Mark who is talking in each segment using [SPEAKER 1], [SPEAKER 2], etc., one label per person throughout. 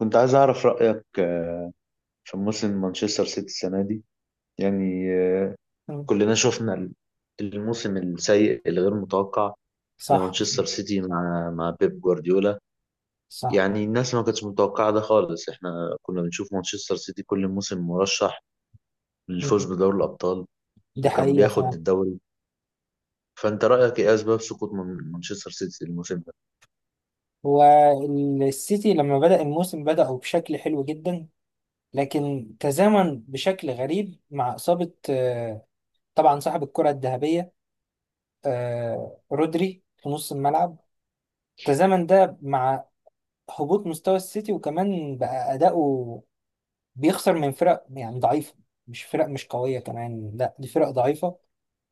[SPEAKER 1] كنت عايز أعرف رأيك في موسم مانشستر سيتي السنة دي. يعني آه،
[SPEAKER 2] مم.
[SPEAKER 1] كلنا شفنا الموسم السيء الغير متوقع
[SPEAKER 2] صح،
[SPEAKER 1] لمانشستر سيتي مع بيب جوارديولا.
[SPEAKER 2] صح.
[SPEAKER 1] يعني الناس ما كانتش متوقعة ده خالص، احنا كنا بنشوف مانشستر سيتي كل موسم مرشح
[SPEAKER 2] مم.
[SPEAKER 1] للفوز بدوري الأبطال
[SPEAKER 2] ده
[SPEAKER 1] وكان
[SPEAKER 2] حقيقة
[SPEAKER 1] بياخد
[SPEAKER 2] فعلا.
[SPEAKER 1] الدوري. فأنت رأيك إيه أسباب سقوط مانشستر سيتي الموسم ده؟
[SPEAKER 2] والسيتي لما بدأ الموسم بدأوا بشكل حلو جدا، لكن تزامن بشكل غريب مع إصابة طبعا صاحب الكرة الذهبية، رودري في نص الملعب. تزامن ده مع هبوط مستوى السيتي، وكمان بقى أداؤه بيخسر من فرق يعني ضعيفة، مش فرق مش قوية كمان، لا دي فرق ضعيفة.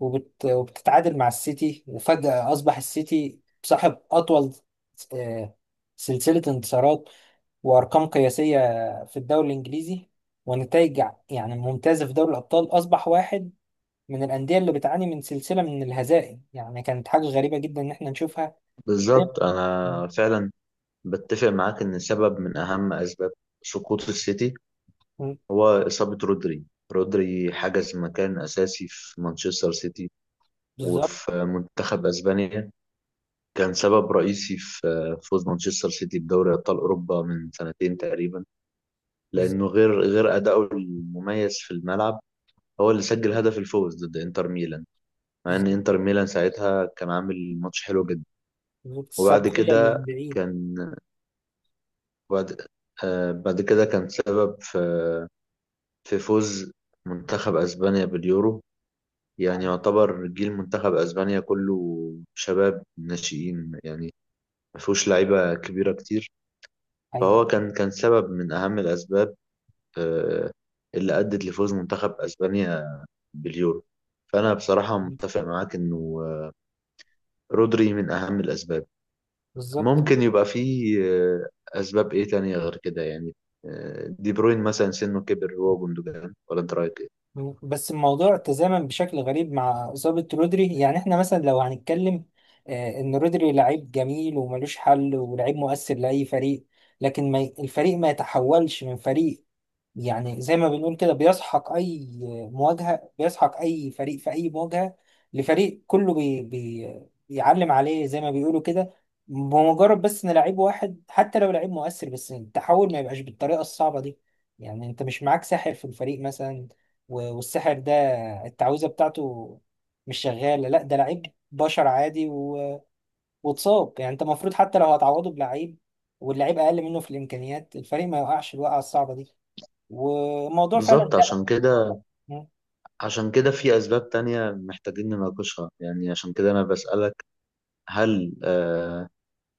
[SPEAKER 2] وبتتعادل مع السيتي، وفجأة أصبح السيتي صاحب أطول آه، سلسلة انتصارات وأرقام قياسية في الدوري الإنجليزي، ونتائج يعني ممتازة في دوري الأبطال. أصبح واحد من الأندية اللي بتعاني من سلسلة من الهزائم، يعني كانت حاجة غريبة جدا إن إحنا نشوفها.
[SPEAKER 1] بالظبط،
[SPEAKER 2] م-
[SPEAKER 1] أنا فعلا بتفق معاك إن سبب من أهم أسباب سقوط السيتي
[SPEAKER 2] م-
[SPEAKER 1] هو إصابة رودري. رودري حجز مكان أساسي في مانشستر سيتي
[SPEAKER 2] بالظبط.
[SPEAKER 1] وفي منتخب أسبانيا، كان سبب رئيسي في فوز مانشستر سيتي بدوري أبطال أوروبا من 2 سنتين تقريبا،
[SPEAKER 2] بالظبط.
[SPEAKER 1] لأنه غير أداؤه المميز في الملعب هو اللي سجل هدف الفوز ضد إنتر ميلان، مع إن
[SPEAKER 2] بالظبط.
[SPEAKER 1] إنتر ميلان ساعتها كان عامل ماتش حلو جدا.
[SPEAKER 2] بالظبط.
[SPEAKER 1] وبعد
[SPEAKER 2] السبقية اللي من
[SPEAKER 1] كده
[SPEAKER 2] بعيد.
[SPEAKER 1] كان، بعد، بعد كده كان سبب في في فوز منتخب أسبانيا باليورو. يعني يعتبر جيل منتخب اسبانيا كله شباب ناشئين، يعني ما فيهوش لعيبه كبيره كتير.
[SPEAKER 2] حقيقة.
[SPEAKER 1] فهو كان سبب من اهم الاسباب آه، اللي ادت لفوز منتخب اسبانيا باليورو. فانا بصراحه متفق معاك انه رودري من اهم الاسباب.
[SPEAKER 2] بالظبط.
[SPEAKER 1] ممكن يبقى فيه اسباب ايه تانية غير كده يعني؟ دي بروين مثلا سنه كبر، هو جندوجان، ولا انت رايك ايه؟
[SPEAKER 2] بس الموضوع تزامن بشكل غريب مع إصابة رودري. يعني احنا مثلا لو هنتكلم، إن رودري لعيب جميل وملوش حل ولعيب مؤثر لأي فريق. لكن ما ي- الفريق ما يتحولش من فريق، يعني زي ما بنقول كده بيسحق اي مواجهه، بيسحق اي فريق في اي مواجهه، لفريق كله بي بيعلم عليه زي ما بيقولوا كده، بمجرد بس ان لعيب واحد حتى لو لعيب مؤثر. بس التحول ما يبقاش بالطريقه الصعبه دي. يعني انت مش معاك ساحر في الفريق مثلا، والساحر ده التعويذه بتاعته مش شغاله، لا ده لعيب بشر عادي واتصاب. يعني انت المفروض حتى لو هتعوضه بلعيب، واللعيب اقل منه في الامكانيات، الفريق ما يوقعش الوقعه الصعبه دي. وموضوع فعلا
[SPEAKER 1] بالظبط.
[SPEAKER 2] لا.
[SPEAKER 1] عشان كده،
[SPEAKER 2] مم.
[SPEAKER 1] عشان كده في أسباب تانية محتاجين نناقشها. يعني عشان كده أنا بسألك، هل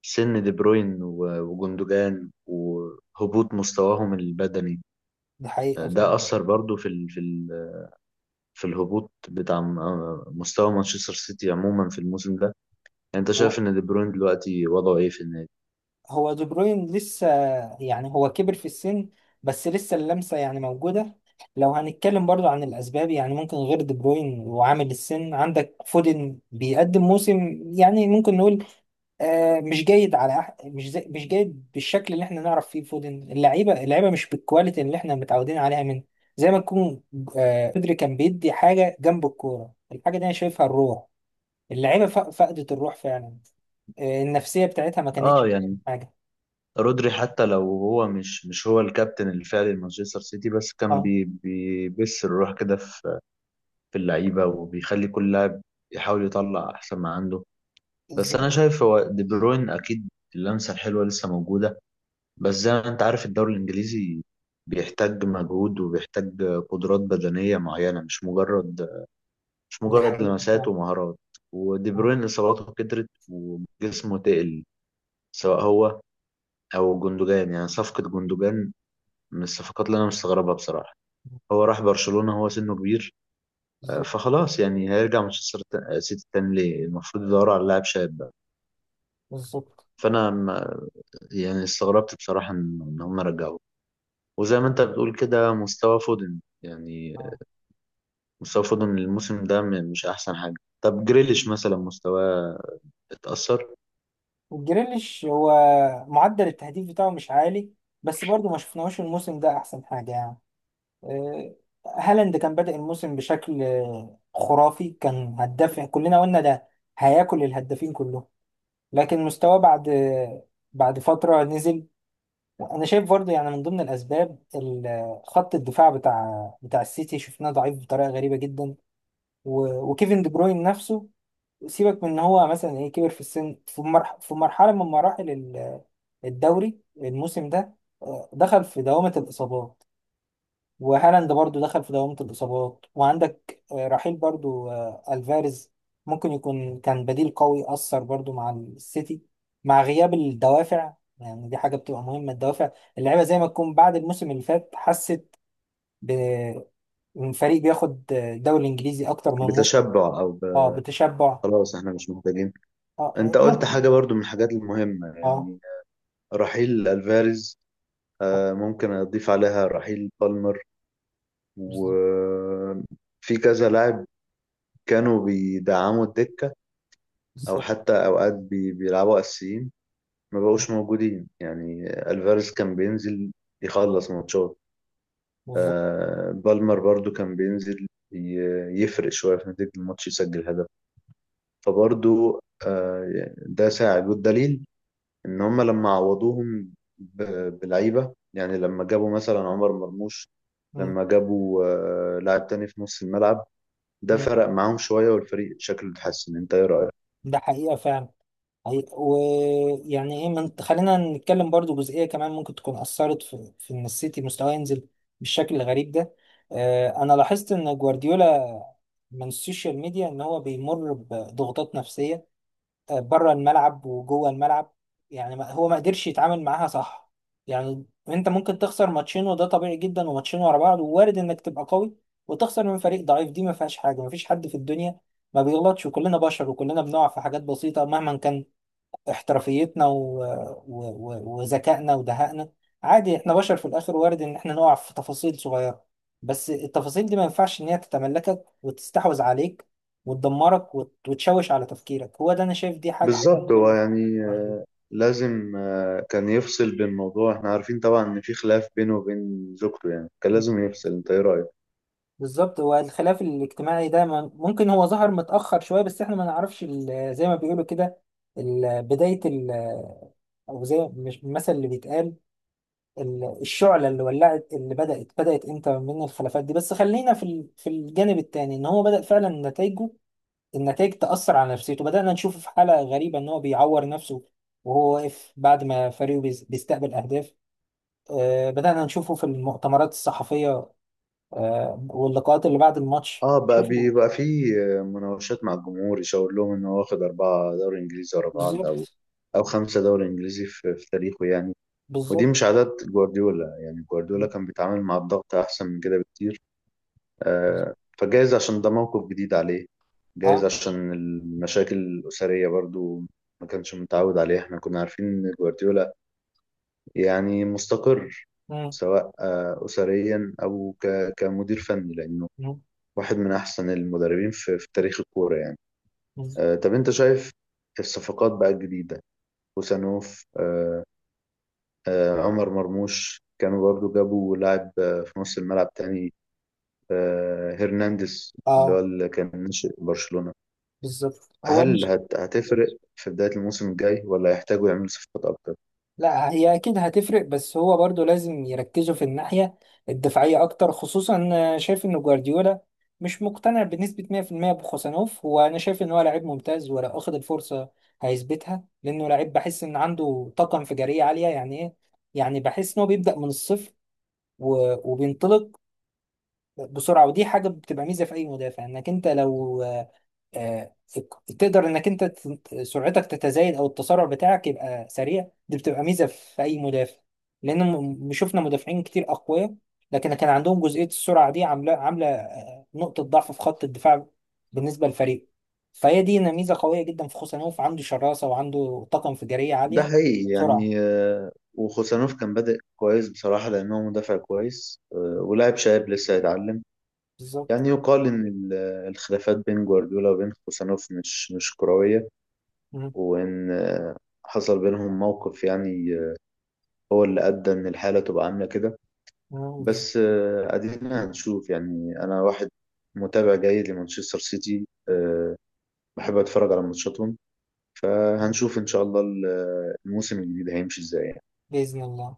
[SPEAKER 1] سن دي بروين وجندوجان وهبوط مستواهم البدني،
[SPEAKER 2] ده حقيقة
[SPEAKER 1] ده
[SPEAKER 2] فعلا.
[SPEAKER 1] أثر برضو في ال في ال في الهبوط بتاع مستوى مانشستر سيتي عموما في الموسم ده؟ يعني أنت شايف
[SPEAKER 2] هو
[SPEAKER 1] إن دي بروين دلوقتي وضعه إيه في النادي؟
[SPEAKER 2] هو دي بروين لسه، يعني هو كبر في السن، بس لسه اللمسة يعني موجودة. لو هنتكلم برضو عن الأسباب، يعني ممكن غير دي بروين وعامل السن عندك فودن بيقدم موسم يعني ممكن نقول آه مش جيد، على مش زي مش جيد بالشكل اللي احنا نعرف فيه فودن. اللعيبة اللعيبة مش بالكواليتي اللي احنا متعودين عليها منه. زي ما تكون آه بدري كان بيدي حاجة جنب الكورة، الحاجة دي أنا شايفها الروح. اللعيبه فقدت الروح فعلا. النفسيه بتاعتها ما
[SPEAKER 1] آه
[SPEAKER 2] كانتش
[SPEAKER 1] يعني
[SPEAKER 2] حاجه.
[SPEAKER 1] رودري حتى لو هو مش هو الكابتن الفعلي لمانشستر سيتي، بس كان
[SPEAKER 2] اه،
[SPEAKER 1] بيبث الروح كده في في اللعيبة وبيخلي كل لاعب يحاول يطلع أحسن ما عنده. بس أنا
[SPEAKER 2] بالظبط.
[SPEAKER 1] شايف هو دي بروين أكيد اللمسة الحلوة لسه موجودة، بس زي ما أنت عارف الدوري الإنجليزي بيحتاج مجهود وبيحتاج قدرات بدنية معينة، مش مجرد، مش
[SPEAKER 2] دي
[SPEAKER 1] مجرد
[SPEAKER 2] حقيقه
[SPEAKER 1] لمسات
[SPEAKER 2] فعلا.
[SPEAKER 1] ومهارات. ودي
[SPEAKER 2] آه،
[SPEAKER 1] بروين إصاباته كترت وجسمه تقل، سواء هو أو جندوجان. يعني صفقة جندوجان من الصفقات اللي أنا مستغربها بصراحة. هو راح برشلونة، هو سنه كبير،
[SPEAKER 2] بالظبط.
[SPEAKER 1] فخلاص يعني هيرجع مانشستر سيتي تاني ليه؟ المفروض يدوروا على لاعب شاب بقى.
[SPEAKER 2] بالظبط.
[SPEAKER 1] فانا ما يعني استغربت بصراحه ان إن هم رجعوه. وزي ما انت بتقول كده مستوى فودن يعني،
[SPEAKER 2] اه.
[SPEAKER 1] مستوى فودن الموسم ده مش احسن حاجه. طب جريليش مثلا مستواه اتأثر،
[SPEAKER 2] وجريليش هو معدل التهديف بتاعه مش عالي، بس برضه ما شفناهوش الموسم ده احسن حاجه يعني. آه، هالاند كان بادئ الموسم بشكل خرافي، كان هداف، كلنا قلنا ده هياكل الهدافين كلهم. لكن مستواه بعد فتره نزل. انا شايف برضه، يعني من ضمن الاسباب خط الدفاع بتاع السيتي شفناه ضعيف بطريقه غريبه جدا. وكيفن دي بروين نفسه، سيبك من ان هو مثلا ايه كبر في السن، في مرحله من مراحل الدوري الموسم ده دخل في دوامه الاصابات. وهالاند برضو دخل في دوامة الإصابات. وعندك رحيل برضو ألفاريز، ممكن يكون كان بديل قوي أثر برضو مع السيتي. مع غياب الدوافع، يعني دي حاجة بتبقى مهمة، الدوافع. اللعيبة زي ما تكون بعد الموسم اللي فات حست بفريق بياخد الدوري الإنجليزي أكتر من موسم.
[SPEAKER 1] بتشبع او ب...
[SPEAKER 2] اه، بتشبع.
[SPEAKER 1] خلاص احنا مش محتاجين.
[SPEAKER 2] اه. اه.
[SPEAKER 1] انت قلت حاجه برضو من الحاجات المهمه،
[SPEAKER 2] آه،
[SPEAKER 1] يعني رحيل الفاريز،
[SPEAKER 2] آه،
[SPEAKER 1] ممكن اضيف عليها رحيل بالمر،
[SPEAKER 2] بالظبط.
[SPEAKER 1] وفي كذا لاعب كانوا بيدعموا الدكة أو
[SPEAKER 2] بالظبط.
[SPEAKER 1] حتى أوقات بيلعبوا أساسيين، ما بقوش موجودين. يعني ألفاريز كان بينزل يخلص ماتشات،
[SPEAKER 2] بالظبط.
[SPEAKER 1] آه بالمر برضو كان بينزل يفرق شوية في نتيجة الماتش يسجل هدف. فبرضو آه يعني ده ساعد، والدليل إن هما لما عوضوهم بلعيبة، يعني لما جابوا مثلا عمر مرموش،
[SPEAKER 2] مم،
[SPEAKER 1] لما جابوا آه لاعب تاني في نص الملعب، ده
[SPEAKER 2] مم.
[SPEAKER 1] فرق معاهم شوية والفريق شكله اتحسن. انت ايه رأيك؟
[SPEAKER 2] ده حقيقة فعلا. ويعني ايه خلينا نتكلم برضو جزئية كمان ممكن تكون أثرت في، في إن السيتي مستواه ينزل بالشكل الغريب ده. أنا لاحظت إن جوارديولا من السوشيال ميديا إن هو بيمر بضغوطات نفسية بره الملعب وجوه الملعب. يعني هو ما قدرش يتعامل معاها صح. يعني أنت ممكن تخسر ماتشين وده طبيعي جدا، وماتشين ورا بعض ووارد إنك تبقى قوي وتخسر من فريق ضعيف، دي ما فيهاش حاجة. ما فيش حد في الدنيا ما بيغلطش، وكلنا بشر، وكلنا بنقع في حاجات بسيطة مهما كان احترافيتنا وذكائنا ودهائنا. عادي احنا بشر في الاخر، وارد ان احنا نقع في تفاصيل صغيرة. بس التفاصيل دي ما ينفعش ان هي تتملكك وتستحوذ عليك وتدمرك وتشوش على تفكيرك. هو ده انا شايف، دي حاجة حصلت
[SPEAKER 1] بالظبط، هو
[SPEAKER 2] برضه.
[SPEAKER 1] يعني لازم، كان يفصل بين موضوع احنا عارفين طبعا ان في خلاف بينه وبين زوجته، يعني كان لازم
[SPEAKER 2] في-
[SPEAKER 1] يفصل. انت ايه رأيك؟
[SPEAKER 2] بالظبط. هو الخلاف الاجتماعي ده ممكن هو ظهر متأخر شوية، بس احنا ما نعرفش زي ما بيقولوا كده بداية او زي مش المثل اللي بيتقال الشعلة اللي ولعت اللي بدأت امتى من الخلافات دي. بس خلينا في في الجانب التاني، ان هو بدأ فعلا نتائجه، النتائج تأثر على نفسيته. بدأنا نشوفه في حالة غريبة ان هو بيعور نفسه وهو واقف بعد ما فريقه بيستقبل أهداف. بدأنا نشوفه في المؤتمرات الصحفية واللقاءات اللي بعد الماتش
[SPEAKER 1] اه بقى
[SPEAKER 2] شوفوا.
[SPEAKER 1] بيبقى في مناوشات مع الجمهور يشاور لهم ان هو واخد 4 دوري انجليزي ورا بعض، او
[SPEAKER 2] بالظبط.
[SPEAKER 1] او 5 دوري انجليزي في، في تاريخه يعني. ودي
[SPEAKER 2] بالظبط.
[SPEAKER 1] مش عادات جوارديولا، يعني جوارديولا كان بيتعامل مع الضغط احسن من كده بكتير. فجايز عشان ده موقف جديد عليه، جايز
[SPEAKER 2] اه.
[SPEAKER 1] عشان المشاكل الأسرية برضو ما كانش متعود عليها. احنا كنا عارفين ان جوارديولا يعني مستقر،
[SPEAKER 2] مم.
[SPEAKER 1] سواء أسريا أو كمدير فني، لأنه
[SPEAKER 2] مم.
[SPEAKER 1] واحد من أحسن المدربين في، في تاريخ الكورة يعني.
[SPEAKER 2] مم.
[SPEAKER 1] طب أنت شايف الصفقات بقى الجديدة، خوسانوف، عمر مرموش، كانوا برضو جابوا لاعب في نص الملعب تاني، هرنانديز اللي هو
[SPEAKER 2] اه،
[SPEAKER 1] اللي كان ناشئ برشلونة.
[SPEAKER 2] بالظبط. هو
[SPEAKER 1] هل
[SPEAKER 2] مش
[SPEAKER 1] هتفرق في بداية الموسم الجاي ولا هيحتاجوا يعملوا صفقات أكتر؟
[SPEAKER 2] لا، هي اكيد هتفرق، بس هو برضو لازم يركزوا في الناحية الدفاعية اكتر. خصوصا أنا شايف ان جوارديولا مش مقتنع بنسبة 100% بخوسانوف، وانا شايف ان هو لعيب ممتاز، ولو اخد الفرصة هيثبتها، لانه لعيب بحس ان عنده طاقة انفجارية عالية. يعني ايه؟ يعني بحس ان هو بيبدأ من الصفر وبينطلق بسرعة. ودي حاجة بتبقى ميزة في اي مدافع، انك انت لو آه، تقدر انك انت سرعتك تتزايد او التسارع بتاعك يبقى سريع، دي بتبقى ميزه في اي مدافع. لان شفنا مدافعين كتير اقوياء، لكن كان عندهم جزئيه السرعه دي عامله نقطه ضعف في خط الدفاع بالنسبه للفريق. فهي دي إن ميزه قويه جدا في خوسانوف، عنده شراسه وعنده طاقه انفجاريه
[SPEAKER 1] ده
[SPEAKER 2] عاليه.
[SPEAKER 1] حقيقي،
[SPEAKER 2] سرعه.
[SPEAKER 1] يعني وخوسانوف كان بادئ كويس بصراحة لأنه مدافع كويس، ولاعب شاب لسه هيتعلم.
[SPEAKER 2] بالظبط.
[SPEAKER 1] يعني يقال إن الخلافات بين جوارديولا وبين خوسانوف مش كروية،
[SPEAKER 2] مم.
[SPEAKER 1] وإن حصل بينهم موقف يعني، هو اللي أدى إن الحالة تبقى عاملة كده.
[SPEAKER 2] مم.
[SPEAKER 1] بس أدينا هنشوف. يعني أنا واحد متابع جيد لمانشستر سيتي، بحب أتفرج على ماتشاتهم، فهنشوف إن شاء الله الموسم الجديد هيمشي إزاي.
[SPEAKER 2] باذن الله.